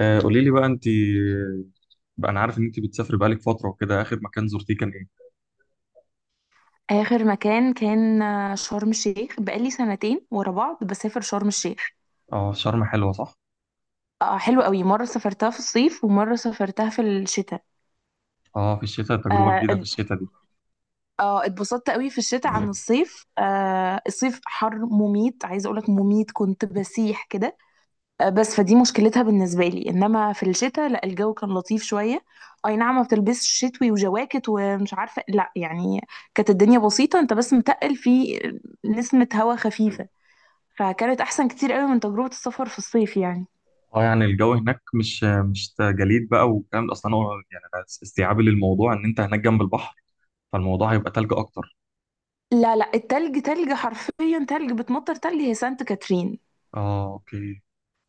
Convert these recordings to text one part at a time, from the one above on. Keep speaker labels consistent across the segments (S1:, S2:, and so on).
S1: آه، قولي لي بقى انت. بقى انا عارف ان انت بتسافري بقالك فتره وكده، اخر مكان زرتيه كان ايه؟
S2: آخر مكان كان شرم الشيخ، بقالي سنتين ورا بعض بسافر شرم الشيخ.
S1: اه، شرم حلوه صح.
S2: آه، حلو قوي، مرة سافرتها في الصيف ومرة سافرتها في الشتاء.
S1: اه، في الشتاء تجربه
S2: آه
S1: جديده، في
S2: ات-
S1: الشتاء دي.
S2: اتبسطت قوي في الشتاء عن الصيف. آه، الصيف حر مميت، عايزة أقولك مميت، كنت بسيح كده آه، بس فدي مشكلتها بالنسبة لي، إنما في الشتاء لا، الجو كان لطيف شوية. أي نعم، ما بتلبسش شتوي وجواكت ومش عارفة، لا يعني كانت الدنيا بسيطة، أنت بس متقل في نسمة هوا خفيفة، فكانت احسن كتير قوي من تجربة السفر في الصيف يعني.
S1: اه، يعني الجو هناك مش جليد بقى والكلام ده. اصلا انا يعني انا استيعابي للموضوع ان انت هناك جنب البحر، فالموضوع هيبقى تلج اكتر.
S2: لا لا، التلج تلج حرفيا، تلج بتمطر، تلج هي سانت كاترين.
S1: اه، اوكي.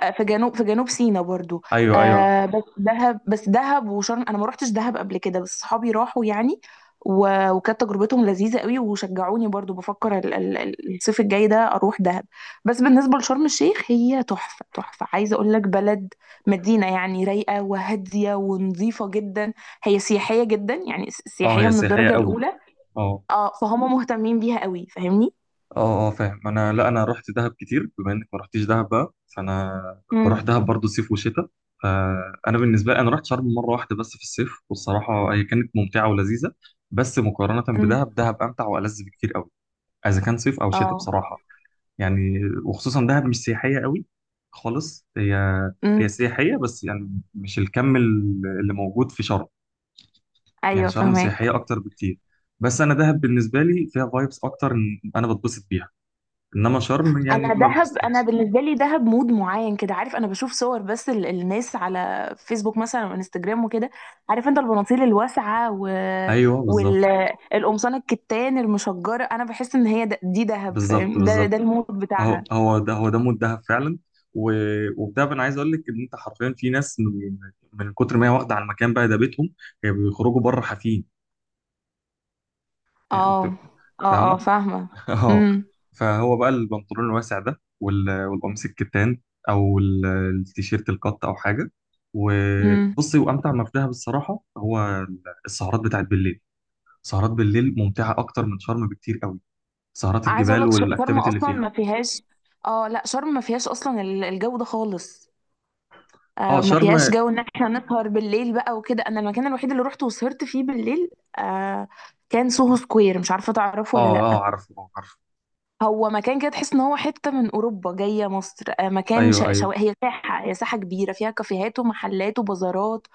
S2: آه، في جنوب سيناء برضو.
S1: ايوه ايوه.
S2: آه، بس دهب، بس دهب وشرم، انا ما روحتش دهب قبل كده، بس صحابي راحوا يعني وكانت تجربتهم لذيذة قوي، وشجعوني برضو بفكر الصيف الجاي ده اروح دهب. بس بالنسبة لشرم الشيخ، هي تحفة تحفة، عايزة اقول لك بلد، مدينة يعني رايقة وهادية ونظيفة جدا. هي سياحية جدا يعني،
S1: اه،
S2: سياحية
S1: هي
S2: من
S1: سياحيه
S2: الدرجة
S1: قوي.
S2: الأولى.
S1: اه،
S2: اه، فهم مهتمين بيها قوي، فاهمني.
S1: اه. اه، فاهم انا. لا، انا رحت دهب كتير. بما انك ما رحتيش دهب بقى، فانا بروح
S2: امم.
S1: دهب برضو صيف وشتاء. فانا بالنسبه لي انا رحت شرم مره واحده بس في الصيف، والصراحه هي كانت ممتعه ولذيذه. بس مقارنه
S2: امم.
S1: بدهب، دهب امتع والذ بكتير قوي، اذا كان صيف او شتاء
S2: اه.
S1: بصراحه. يعني، وخصوصا دهب مش سياحيه قوي خالص. هي هي
S2: امم.
S1: سياحيه بس يعني مش الكم اللي موجود في شرم. يعني
S2: ايوه،
S1: شرم
S2: فهمك.
S1: سياحيه اكتر بكتير. بس انا دهب بالنسبه لي فيها فايبس اكتر، انا بتبسط بيها. انما شرم يعني
S2: انا
S1: ما
S2: دهب، انا
S1: بحسهاش.
S2: بالنسبه لي دهب مود معين كده، عارف، انا بشوف صور بس الناس على فيسبوك مثلا وانستجرام وكده، عارف انت، البناطيل الواسعه
S1: ايوه بالظبط.
S2: والقمصان الكتان المشجره، انا بحس ان هي دي دهب،
S1: بالظبط
S2: فاهم، ده
S1: بالظبط.
S2: المود
S1: هو
S2: بتاعها.
S1: هو ده، هو ده مود دهب فعلا. و... وبدهب، انا عايز اقول لك ان انت حرفيا في ناس من كتر ما هي واخده على المكان بقى، ده بيتهم. هي بيخرجوا بره حافين، يعني انت.
S2: اه، اه، اه،
S1: فاهمه؟
S2: فاهمه.
S1: اه.
S2: امم.
S1: فهو بقى البنطلون الواسع ده، والقميص الكتان، او التيشيرت القط او حاجه. وبصي، وامتع ما في دهب الصراحه هو السهرات بتاعت بالليل. سهرات بالليل ممتعه اكتر من شرم بكتير قوي. سهرات
S2: عايزه اقول
S1: الجبال
S2: لك شرم
S1: والاكتيفيتي اللي
S2: اصلا
S1: فيها.
S2: ما فيهاش. اه لا، شرم ما فيهاش اصلا الجو ده خالص.
S1: اه
S2: آه، ما
S1: شرم،
S2: فيهاش
S1: اه.
S2: جو ان احنا نسهر بالليل بقى وكده، انا المكان الوحيد اللي روحته وسهرت فيه بالليل آه، كان سوهو سكوير، مش عارفه تعرفه ولا لا.
S1: اه، عارفه، اه عارفه.
S2: هو مكان كده تحس ان هو حته من اوروبا جايه مصر. آه، مكان
S1: ايوه ايوه.
S2: هي ساحه كبيره فيها كافيهات ومحلات وبازارات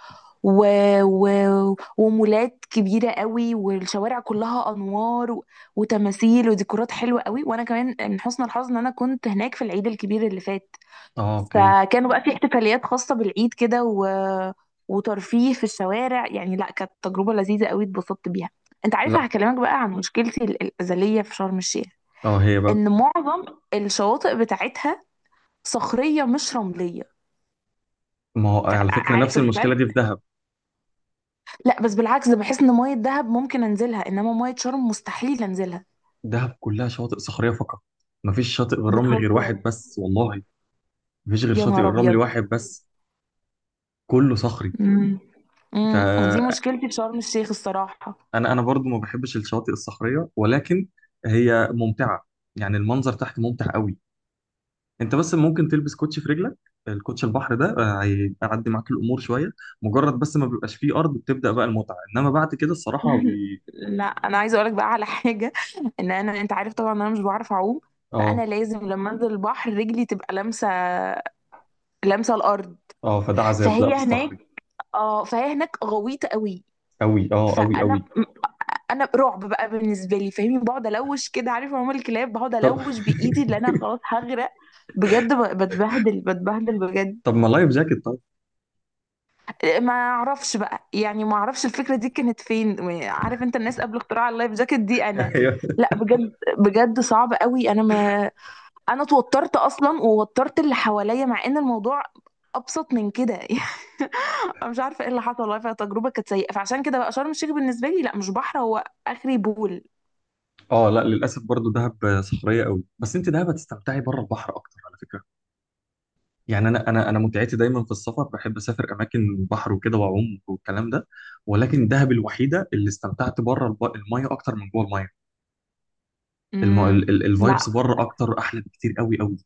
S2: و... و... ومولات كبيره قوي، والشوارع كلها انوار وتماثيل وديكورات حلوه قوي. وانا كمان من حسن الحظ ان انا كنت هناك في العيد الكبير اللي فات،
S1: اه، اوكي.
S2: فكانوا بقى في احتفاليات خاصه بالعيد كده وترفيه في الشوارع يعني، لا كانت تجربه لذيذه قوي، اتبسطت بيها. انت عارفه،
S1: لا.
S2: هكلمك بقى عن مشكلتي الازليه في شرم الشيخ،
S1: اه، هي بقى.
S2: ان معظم الشواطئ بتاعتها صخريه مش رمليه.
S1: ما هو على فكره نفس
S2: عارف
S1: المشكله
S2: الفرق؟
S1: دي في دهب.
S2: لا بس بالعكس، ده بحس ان ميه دهب ممكن انزلها، انما ميه شرم مستحيل انزلها.
S1: دهب كلها شواطئ صخريه فقط. مفيش شاطئ بالرمل غير
S2: بتهزر؟
S1: واحد بس والله. مفيش غير
S2: يا
S1: شاطئ
S2: نهار
S1: الرمل
S2: ابيض.
S1: واحد بس. كله صخري.
S2: امم. امم، دي
S1: فانا،
S2: مشكلتي في شرم الشيخ الصراحه.
S1: انا برضو ما بحبش الشواطئ الصخريه، ولكن هي ممتعه. يعني المنظر تحت ممتع قوي. انت بس ممكن تلبس كوتشي في رجلك. الكوتش البحر ده آه، هيعدي معاك الامور شويه. مجرد بس ما بيبقاش فيه ارض بتبدا بقى المتعه، انما بعد كده الصراحه هو بي...
S2: لا انا عايزه اقولك بقى على حاجه، ان انا، انت عارف طبعا انا مش بعرف اعوم، فانا
S1: اه،
S2: لازم لما انزل البحر رجلي تبقى لامسه الارض.
S1: اه، فده عذاب، ده
S2: فهي
S1: في
S2: هناك
S1: الصخري.
S2: اه فهي هناك غويطه قوي.
S1: قوي، اه قوي قوي.
S2: فانا، انا رعب بقى بالنسبه لي، فاهمني، بقعد الوش كده، عارف عموم الكلاب، بقعد
S1: طب.
S2: الوش بايدي اللي انا خلاص هغرق. بجد، بتبهدل بتبهدل بجد.
S1: طب، ما لايف جاكيت طيب.
S2: ما اعرفش بقى يعني، ما اعرفش الفكره دي كانت فين. عارف انت الناس قبل اختراع اللايف جاكيت دي انا،
S1: ايوه.
S2: لا بجد، بجد صعب قوي. انا ما انا اتوترت اصلا ووترت اللي حواليا مع ان الموضوع ابسط من كده يعني. انا مش عارفه ايه اللي حصل والله، فالتجربه كانت سيئه، فعشان كده بقى شرم الشيخ بالنسبه لي لا، مش بحر، هو اخري بول.
S1: اه لا، للاسف برضو دهب صخريه قوي، بس انت دهب هتستمتعي بره البحر اكتر على فكره. يعني انا متعتي دايما في السفر. بحب اسافر اماكن بحر وكده واعوم والكلام ده. ولكن دهب الوحيده اللي استمتعت بره الميه اكتر من جوه الميه. الم...
S2: امم.
S1: الفايبس
S2: لا
S1: بره اكتر، احلى بكتير قوي قوي.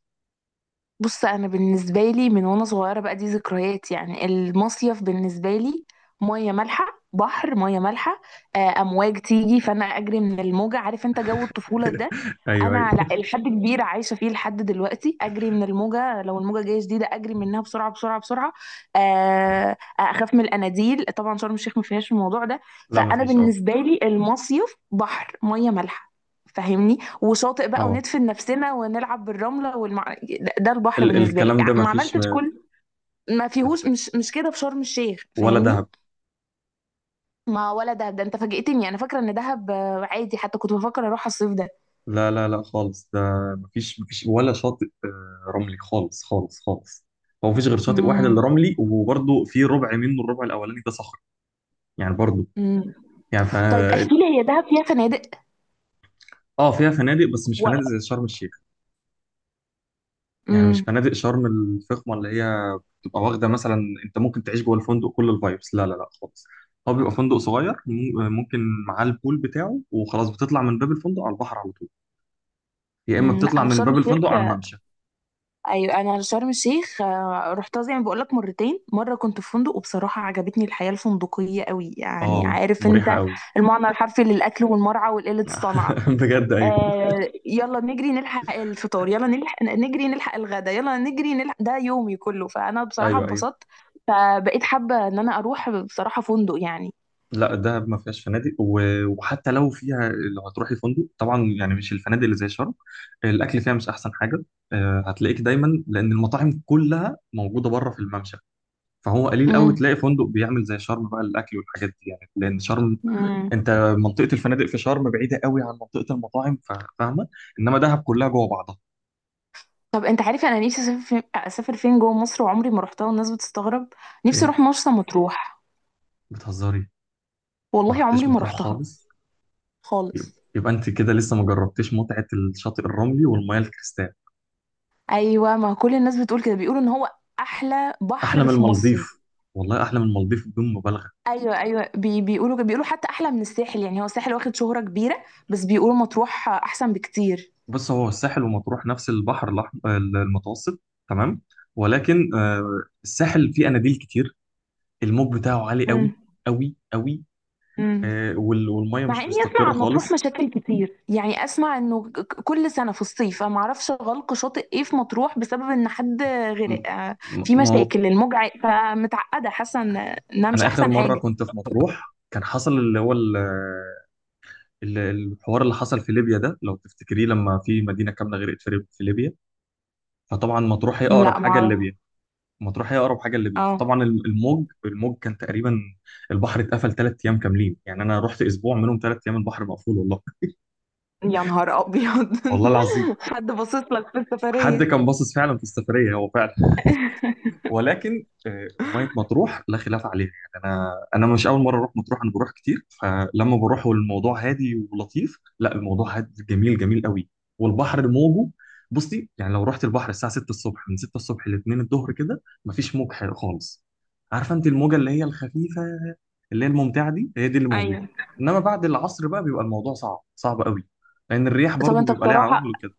S2: بص، انا بالنسبه لي من وانا صغيره بقى، دي ذكريات يعني، المصيف بالنسبه لي ميه مالحه، بحر، ميه مالحه. آه، امواج تيجي فانا اجري من الموجه، عارف انت جو الطفوله ده،
S1: ايوه ايوه.
S2: انا لحد كبير عايشه فيه لحد دلوقتي، اجري من الموجه، لو الموجه جايه شديده اجري منها بسرعه بسرعه بسرعه. آه، اخاف من الاناديل، طبعا شرم الشيخ ما فيهاش الموضوع ده.
S1: لا،
S2: فانا
S1: مفيش، اه.
S2: بالنسبه لي المصيف بحر، ميه مالحه، فاهمني، وشاطئ بقى،
S1: اه،
S2: وندفن نفسنا ونلعب بالرملة ده البحر بالنسبة لي،
S1: الكلام ده
S2: ما
S1: مفيش،
S2: عملتش كل ما فيهوش مش كده في شرم الشيخ
S1: ولا
S2: فاهمني.
S1: دهب.
S2: ما ولا دهب، ده انت فاجئتني، انا فاكرة ان دهب آه، عادي، حتى كنت بفكر اروح الصيف ده.
S1: لا لا لا، خالص ده. مفيش، مفيش ولا شاطئ آه، رملي خالص خالص خالص. هو مفيش غير شاطئ واحد
S2: امم.
S1: اللي رملي، وبرضه في ربع منه، الربع الاولاني ده صخر. يعني برضه،
S2: امم.
S1: يعني ف...
S2: طيب احكي لي، هي دهب فيها فنادق
S1: اه، فيها فنادق، بس مش
S2: و...
S1: فنادق زي شرم الشيخ. يعني مش
S2: امم.
S1: فنادق شرم الفخمه، اللي هي او واخده مثلا، انت ممكن تعيش جوه الفندق كل الفايبس، لا لا لا خالص. هو بيبقى فندق صغير، ممكن معاه البول بتاعه وخلاص. بتطلع من باب الفندق على البحر على طول، يا اما
S2: أمم، لا
S1: بتطلع
S2: انا في
S1: من
S2: شرم
S1: باب
S2: الشيخ.
S1: الفندق على الممشى.
S2: ايوه انا في شرم الشيخ، آه، رحتها زي ما بقول لك مرتين، مره كنت في فندق وبصراحه عجبتني الحياه الفندقيه قوي يعني،
S1: اه،
S2: عارف انت،
S1: مريحه قوي.
S2: المعنى الحرفي للاكل والمرعى وقله الصنعه.
S1: بجد ايوه.
S2: آه. يلا نجري نلحق الفطار، يلا نلحق، نجري نلحق الغدا، يلا نجري نلحق، ده يومي كله، فأنا بصراحة
S1: ايوه ايوه.
S2: اتبسطت، فبقيت حابة إن أنا أروح بصراحة فندق يعني.
S1: لا، دهب ما فيهاش فنادق، وحتى لو فيها، لو هتروحي فندق طبعا يعني مش الفنادق اللي زي شرم. الاكل فيها مش احسن حاجه. آه، هتلاقيك دايما لان المطاعم كلها موجوده بره في الممشى. فهو قليل قوي
S2: امم.
S1: تلاقي فندق بيعمل زي شرم بقى، الاكل والحاجات دي يعني، لان شرم،
S2: امم.
S1: انت منطقه الفنادق في شرم بعيده قوي عن منطقه المطاعم، فاهمه. انما دهب كلها جوه بعضها.
S2: طب أنت عارف، أنا نفسي أسافر فين، أسافر فين جوه مصر وعمري ما روحتها والناس بتستغرب. نفسي
S1: فين؟
S2: أروح مرسى مطروح.
S1: بتهزري. ما
S2: والله
S1: رحتش
S2: عمري ما
S1: مطروح
S2: روحتها
S1: خالص.
S2: خالص.
S1: يبقى انت كده لسه ما جربتيش متعه الشاطئ الرملي والمياه الكريستال.
S2: أيوة، ما كل الناس بتقول كده، بيقولوا إن هو أحلى
S1: احلى
S2: بحر
S1: من
S2: في مصر.
S1: المالديف. والله احلى من المالديف بدون مبالغه.
S2: ايوه ايوه، بيقولوا بيقولوا حتى احلى من الساحل يعني، هو الساحل واخد شهرة كبيرة، بس بيقولوا مطروح احسن بكتير.
S1: بص، هو الساحل ومطروح نفس البحر الأحمر المتوسط، تمام. ولكن آه، الساحل فيه اناديل كتير. الموج بتاعه عالي
S2: امم.
S1: قوي قوي قوي.
S2: امم.
S1: آه، والميه
S2: مع
S1: مش
S2: اني اسمع
S1: مستقره
S2: عن مطروح
S1: خالص.
S2: مشاكل كتير يعني، اسمع انه كل سنة في الصيف انا معرفش غلق شاطئ ايه في مطروح بسبب ان حد غرق
S1: م-
S2: آه، في
S1: ما هو
S2: مشاكل الموج فمتعقدة حاسة انها مش
S1: انا اخر
S2: احسن
S1: مره
S2: حاجة.
S1: كنت في مطروح، كان حصل اللي هو الحوار اللي حصل في ليبيا ده لو تفتكريه، لما في مدينه كامله غرقت في ليبيا. فطبعا مطروح هي اقرب
S2: لا
S1: حاجه
S2: معرفش.
S1: لليبيا. مطروح هي اقرب حاجه لليبيا،
S2: اه.
S1: فطبعا الموج كان تقريبا، البحر اتقفل ثلاث ايام كاملين. يعني انا رحت اسبوع منهم ثلاث ايام البحر مقفول والله.
S2: يا نهار ابيض.
S1: والله العظيم.
S2: حد باصص لك في
S1: حد
S2: السفرية.
S1: كان باصص فعلا في السفريه، هو فعلا. ولكن آه، ميه مطروح لا خلاف عليها. يعني انا مش اول مره اروح مطروح، انا بروح كتير. فلما بروح والموضوع هادي ولطيف، لا، الموضوع هادي جميل جميل قوي. والبحر موجه. بصي يعني، لو رحت البحر الساعه 6 الصبح، من 6 الصبح ل 2 الظهر كده مفيش موج حلو خالص. عارفه انت الموجه اللي هي الخفيفه اللي هي الممتعه دي، هي دي اللي موجوده.
S2: ايوه.
S1: انما بعد العصر بقى بيبقى الموضوع صعب صعب قوي، لان الرياح
S2: طب
S1: برضو
S2: انت
S1: بيبقى ليها عوامل
S2: بصراحة
S1: وكده.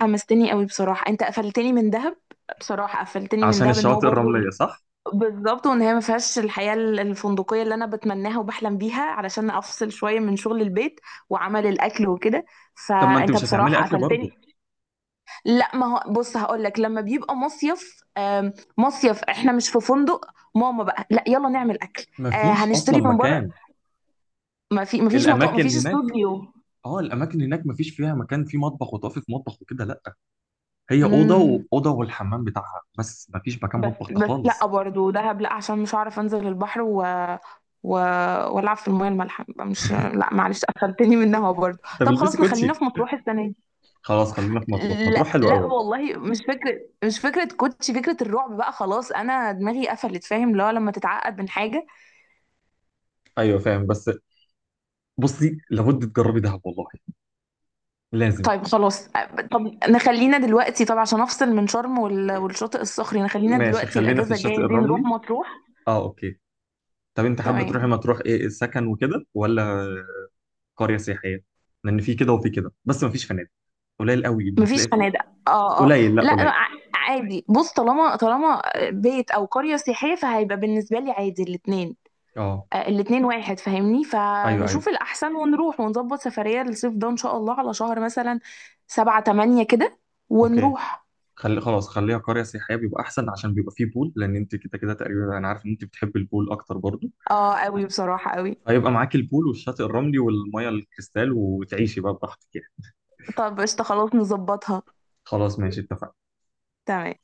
S2: حمستني قوي بصراحة، انت قفلتني من دهب، بصراحة قفلتني من
S1: عشان
S2: دهب ان هو
S1: الشواطئ
S2: برضو
S1: الرمليه صح.
S2: بالظبط، وان هي ما فيهاش الحياة الفندقية اللي انا بتمناها وبحلم بيها علشان افصل شوية من شغل البيت وعمل الاكل وكده،
S1: طب ما انت
S2: فانت
S1: مش هتعملي
S2: بصراحة
S1: اكل برضو؟
S2: قفلتني. لا ما هو بص هقول لك، لما بيبقى مصيف آم، مصيف احنا مش في فندق، ماما بقى لا، يلا نعمل اكل. آه،
S1: مفيش اصلا
S2: هنشتري من بره.
S1: مكان.
S2: ما فيش مطاق، ما
S1: الاماكن
S2: فيش
S1: هناك،
S2: استوديو.
S1: اه الاماكن هناك مفيش فيها مكان فيه مطبخ، وطافي في مطبخ وكده لا. هي اوضه، واوضه والحمام بتاعها، بس مفيش مكان
S2: بس
S1: مطبخ ده
S2: بس
S1: خالص.
S2: لا، برضه دهب لا، عشان مش هعرف انزل البحر و... والعب في المياه المالحه، يبقى مش، لا معلش، قفلتني منها برضه.
S1: انت
S2: طب
S1: بتلبسي
S2: خلاص نخلينا
S1: كوتشي.
S2: في مطروح السنه دي.
S1: خلاص خلينا في مطروح، مطروح
S2: لا
S1: حلوه قوي
S2: لا
S1: والله.
S2: والله، مش فكره، مش فكره كوتش، فكره الرعب بقى خلاص، انا دماغي قفلت، فاهم، اللي هو لما تتعقد من حاجه.
S1: ايوه فاهم، بس بصي لابد تجربي دهب والله، لازم.
S2: طيب خلاص. طب نخلينا دلوقتي، طب عشان افصل من شرم والشاطئ الصخري، نخلينا
S1: ماشي
S2: دلوقتي
S1: خلينا في
S2: الاجازه
S1: الشاطئ
S2: الجايه دي نروح
S1: الرملي.
S2: مطروح.
S1: اه، اوكي. طب انت حابه تروحي
S2: تمام.
S1: مطروح ايه؟ سكن وكده، ولا قريه سياحيه؟ لان في كده وفي كده، بس مفيش فنادق. قليل قوي
S2: مفيش
S1: بتلاقي في...
S2: فنادق. اه اه،
S1: قليل، لا
S2: لا
S1: قليل.
S2: عادي بص، طالما طالما بيت او قرية سياحية، فهيبقى بالنسبة لي عادي الاتنين.
S1: اه.
S2: آه، الاتنين واحد فاهمني،
S1: ايوه ايوه،
S2: فنشوف الأحسن ونروح ونظبط سفرية للصيف ده إن شاء الله، على شهر مثلا 7 8 كده،
S1: اوكي.
S2: ونروح.
S1: خلي خلاص، خليها قرية سياحية بيبقى أحسن، عشان بيبقى فيه بول، لأن أنت كده كده تقريبا أنا عارف إن أنت بتحب البول أكتر برضو.
S2: اه قوي بصراحة قوي.
S1: فيبقى معاك البول والشاطئ الرملي والمية الكريستال، وتعيشي بقى براحتك يعني.
S2: طب قشطة خلاص نظبطها.
S1: خلاص ماشي، اتفقنا.
S2: تمام.